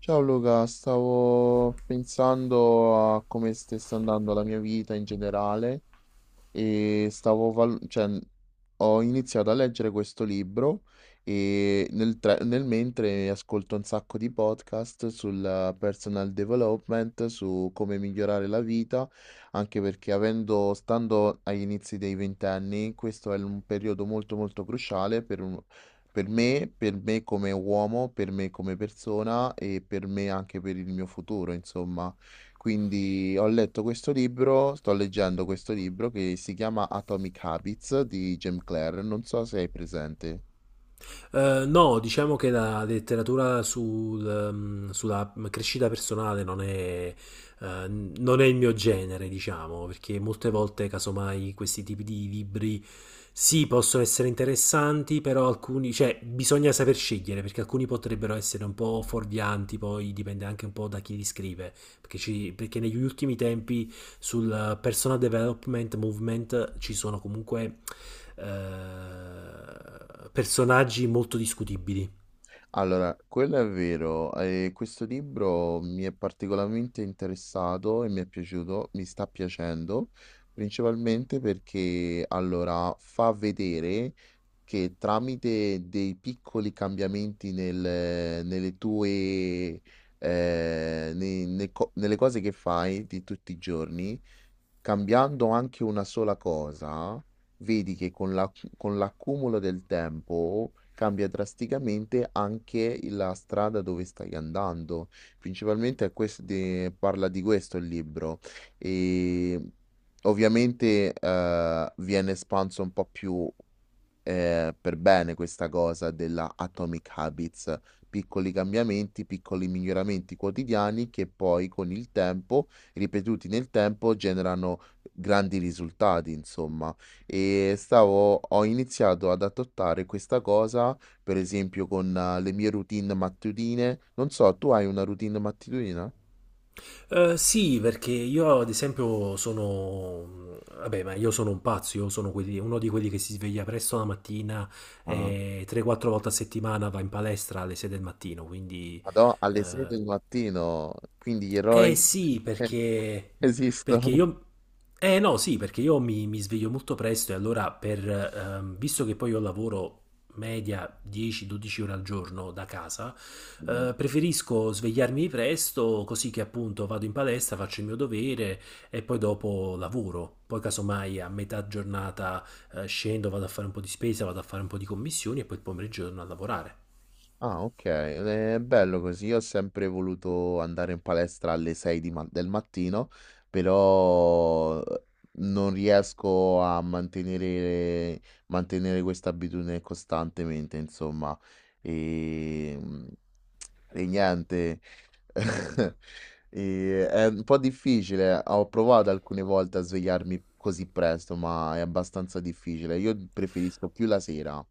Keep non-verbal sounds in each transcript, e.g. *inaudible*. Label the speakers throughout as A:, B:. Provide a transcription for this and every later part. A: Ciao Luca, stavo pensando a come stessa andando la mia vita in generale e stavo val cioè, ho iniziato a leggere questo libro e nel mentre ascolto un sacco di podcast sul personal development, su come migliorare la vita, anche perché avendo stando agli inizi dei 20 anni, questo è l un periodo molto, molto cruciale per me come uomo, per me come persona e per me anche per il mio futuro, insomma. Quindi ho letto questo libro, sto leggendo questo libro che si chiama Atomic Habits di Jim Clare, non so se hai presente.
B: No, diciamo che la letteratura sulla crescita personale eh, non è il mio genere, diciamo, perché molte volte, casomai, questi tipi di libri sì, possono essere interessanti, però alcuni, cioè, bisogna saper scegliere, perché alcuni potrebbero essere un po' fuorvianti, poi dipende anche un po' da chi li scrive. Perché negli ultimi tempi sul personal development movement ci sono comunque personaggi molto discutibili.
A: Allora, quello è vero, questo libro mi è particolarmente interessato e mi è piaciuto, mi sta piacendo, principalmente perché allora fa vedere che tramite dei piccoli cambiamenti nel- nelle tue nei- nei co- nelle cose che fai di tutti i giorni. Cambiando anche una sola cosa, vedi che con l'accumulo del tempo cambia drasticamente anche la strada dove stai andando. Principalmente parla di questo il libro. E ovviamente viene espanso un po' più per bene questa cosa della Atomic Habits, piccoli cambiamenti, piccoli miglioramenti quotidiani che poi con il tempo, ripetuti nel tempo, generano grandi risultati insomma. E stavo ho iniziato ad adottare questa cosa, per esempio con le mie routine mattutine. Non so, tu hai una routine mattutina?
B: Sì, perché io ad esempio sono... Vabbè, ma io sono un pazzo, io sono uno di quelli che si sveglia presto la mattina
A: Ah,
B: e 3-4 volte a settimana va in palestra alle 6 del mattino, quindi
A: madò, alle 6
B: eh,
A: del mattino, quindi gli eroi
B: Eh sì,
A: *laughs*
B: perché,
A: esistono.
B: perché io... Eh no, sì, perché io mi sveglio molto presto e allora visto che poi io lavoro media 10-12 ore al giorno da casa, preferisco svegliarmi presto così che appunto vado in palestra, faccio il mio dovere e poi dopo lavoro. Poi casomai a metà giornata scendo, vado a fare un po' di spesa, vado a fare un po' di commissioni e poi il pomeriggio torno a lavorare.
A: Ah, okay, le è bello così. Io ho sempre voluto andare in palestra alle 6 di ma del mattino, però non riesco a mantenere questa abitudine costantemente insomma. Ehm, e niente, *laughs* è un po' difficile. Ho provato alcune volte a svegliarmi così presto, ma è abbastanza difficile. Io preferisco più la sera.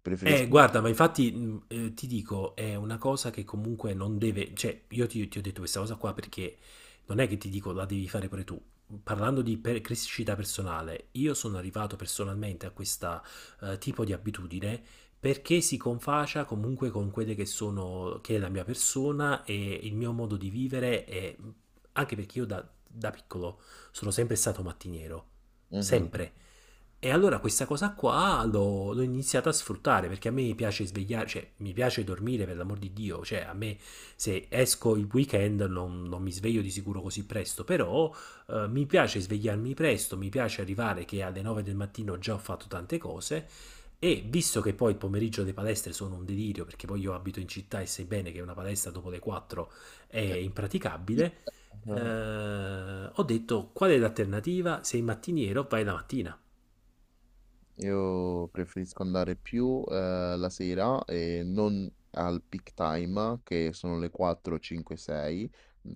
A: Preferisco Mh.
B: Guarda, ma infatti ti dico, è una cosa che comunque non deve, cioè io ti ho detto questa cosa qua perché non è che ti dico la devi fare pure tu. Parlando di crescita personale, io sono arrivato personalmente a questo tipo di abitudine perché si confacia comunque con quelle che sono, che è la mia persona e il mio modo di vivere e anche perché io da piccolo sono sempre stato mattiniero, sempre.
A: Mh-mh.
B: E allora questa cosa qua l'ho iniziata a sfruttare perché a me piace svegliare, cioè mi piace dormire per l'amor di Dio, cioè a me se esco il weekend non, non mi sveglio di sicuro così presto, però mi piace svegliarmi presto, mi piace arrivare che alle 9 del mattino già ho fatto tante cose e visto che poi il pomeriggio le palestre sono un delirio perché poi io abito in città e sai bene che una palestra dopo le 4 è impraticabile,
A: Ah,
B: ho detto qual è l'alternativa? Sei mattiniero, vai la mattina.
A: io preferisco andare più la sera e non al peak time, che sono le 4, 5, 6,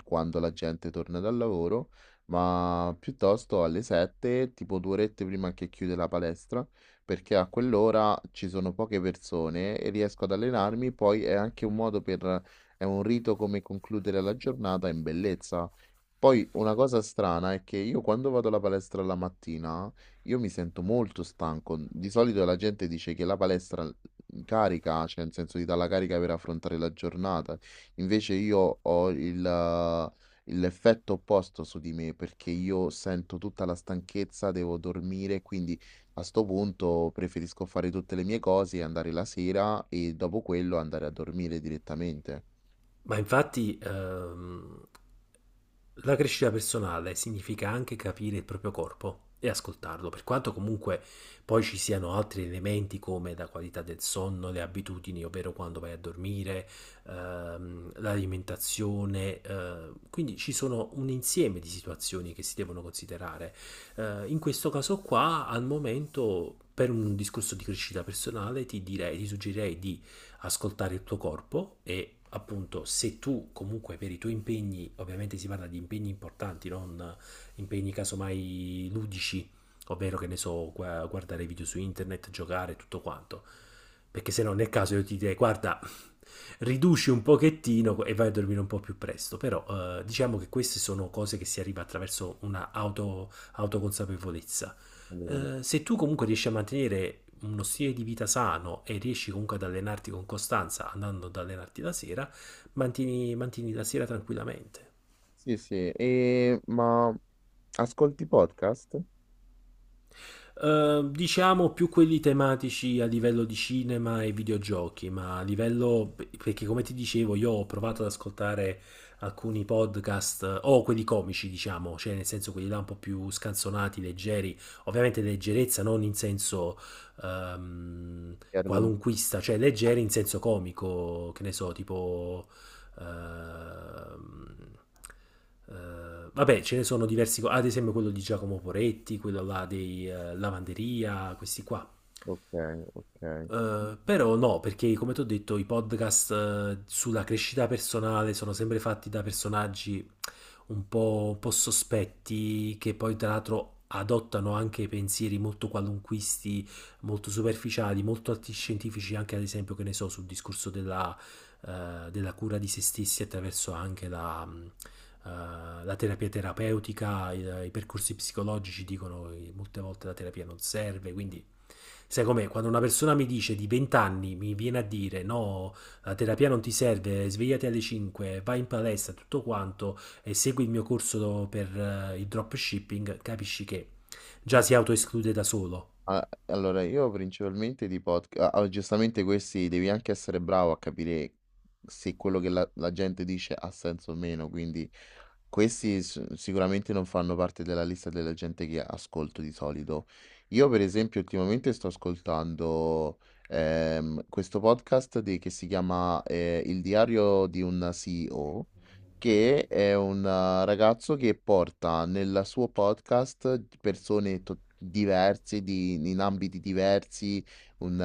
A: quando la gente torna dal lavoro, ma piuttosto alle 7, tipo due orette prima che chiude la palestra, perché a quell'ora ci sono poche persone e riesco ad allenarmi, poi è anche un modo per, è un rito come concludere la giornata in bellezza. Poi una cosa strana è che io quando vado alla palestra la mattina, io mi sento molto stanco. Di solito la gente dice che la palestra carica, cioè nel senso ti dà la carica per affrontare la giornata. Invece io ho l'effetto opposto su di me perché io sento tutta la stanchezza, devo dormire, quindi a sto punto preferisco fare tutte le mie cose, andare la sera e dopo quello andare a dormire direttamente.
B: Ma infatti, la crescita personale significa anche capire il proprio corpo e ascoltarlo, per quanto comunque poi ci siano altri elementi come la qualità del sonno, le abitudini, ovvero quando vai a dormire, l'alimentazione, quindi ci sono un insieme di situazioni che si devono considerare. In questo caso qua, al momento, per un discorso di crescita personale, ti direi, ti suggerirei di ascoltare il tuo corpo e appunto se tu comunque per i tuoi impegni, ovviamente si parla di impegni importanti, non impegni casomai ludici, ovvero che ne so, guardare video su internet, giocare, tutto quanto. Perché se no nel caso io ti direi guarda, riduci un pochettino e vai a dormire un po' più presto, però diciamo che queste sono cose che si arriva attraverso una auto, autoconsapevolezza
A: Allora,
B: se tu comunque riesci a mantenere uno stile di vita sano e riesci comunque ad allenarti con costanza andando ad allenarti la sera, mantieni, mantieni la sera tranquillamente.
A: sì, sì, ascolti podcast?
B: Diciamo più quelli tematici a livello di cinema e videogiochi, ma a livello perché come ti dicevo io ho provato ad ascoltare alcuni podcast o quelli comici, diciamo, cioè nel senso quelli là un po' più scanzonati, leggeri, ovviamente leggerezza non in senso ehm,
A: Che argom
B: qualunquista, cioè leggeri in senso comico, che ne so, tipo eh, vabbè, ce ne sono diversi, co- ad esempio quello di Giacomo Poretti, quello là dei Lavanderia, questi qua.
A: Okay, okay. Mh-mh.
B: Però no, perché come ti ho detto, i podcast sulla crescita personale sono sempre fatti da personaggi un po' sospetti, che poi tra l'altro adottano anche pensieri molto qualunquisti, molto superficiali, molto antiscientifici, anche ad esempio, che ne so, sul discorso della cura di se stessi attraverso anche la terapia terapeutica, i percorsi psicologici dicono che molte volte la terapia non serve, quindi sai com'è? Quando una persona mi dice di 20 anni, mi viene a dire no, la terapia non ti serve, svegliati alle 5, vai in palestra, tutto quanto e segui il mio corso per il dropshipping, capisci che già si autoesclude da solo.
A: A allora io principalmente di podca a giustamente questi devi anche essere bravo a capire se quello che la gente dice ha senso o meno, quindi questi s sicuramente non fanno parte della lista della gente che ascolto di solito. Io per esempio ultimamente sto ascoltando, questo podcast di che si chiama, Il diario di un CEO, che è un ragazzo che porta nel suo podcast persone to diverse, di in ambiti diversi, un eh,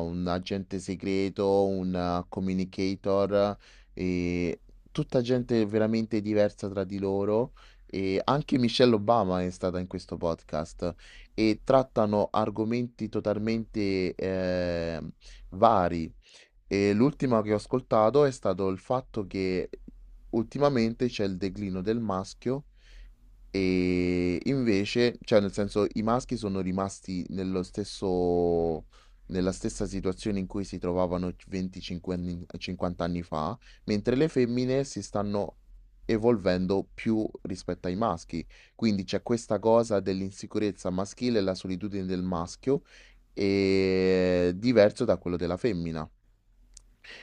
A: un agente segreto, un communicator. ehm Tutta gente veramente diversa tra di loro, e anche Michelle Obama è stata in questo podcast e trattano argomenti totalmente vari. E l'ultima che ho ascoltato è stato il fatto che ultimamente c'è il declino del maschio e invece, cioè nel senso, i maschi sono rimasti nello stesso, nella stessa situazione in cui si trovavano 25 anni, 50 anni fa, mentre le femmine si stanno evolvendo più rispetto ai maschi. Quindi c'è questa cosa dell'insicurezza maschile e la solitudine del maschio, e diverso da quello della femmina.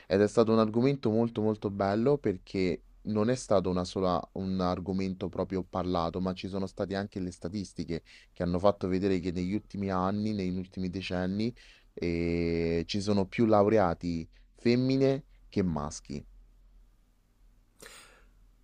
A: Ed è stato un argomento molto molto bello perché non è stato un argomento proprio parlato, ma ci sono state anche le statistiche che hanno fatto vedere che negli ultimi anni, negli ultimi decenni, ci sono più laureati femmine che maschi.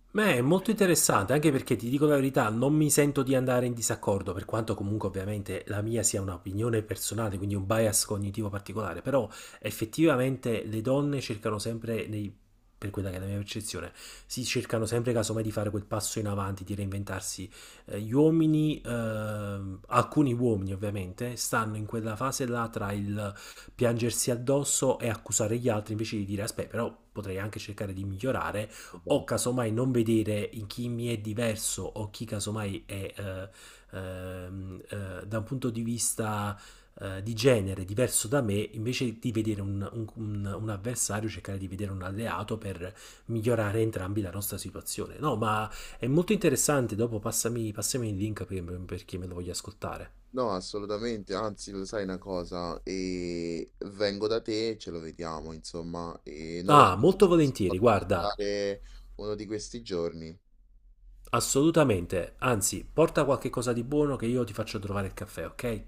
B: Beh, è molto interessante, anche perché ti dico la verità, non mi sento di andare in disaccordo, per quanto comunque ovviamente la mia sia un'opinione personale, quindi un bias cognitivo particolare, però effettivamente le donne cercano sempre, per quella che è la mia percezione, si cercano sempre casomai di fare quel passo in avanti, di reinventarsi. Gli uomini, alcuni uomini ovviamente, stanno in quella fase là tra il piangersi addosso e accusare gli altri invece di dire, aspetta, però potrei anche cercare di migliorare o
A: Esatto.
B: casomai non vedere in chi mi è diverso o chi casomai è da un punto di vista di genere diverso da me, invece di vedere un avversario, cercare di vedere un alleato per migliorare entrambi la nostra situazione. No, ma è molto interessante, dopo passami il link perché me lo voglio ascoltare.
A: No, assolutamente, anzi, lo sai una cosa, e vengo da te e ce lo vediamo, insomma, e non lo so,
B: Ah,
A: non
B: molto
A: ci possiamo
B: volentieri, guarda,
A: organizzare uno di questi giorni.
B: assolutamente, anzi, porta qualche cosa di buono che io ti faccio trovare il caffè, ok?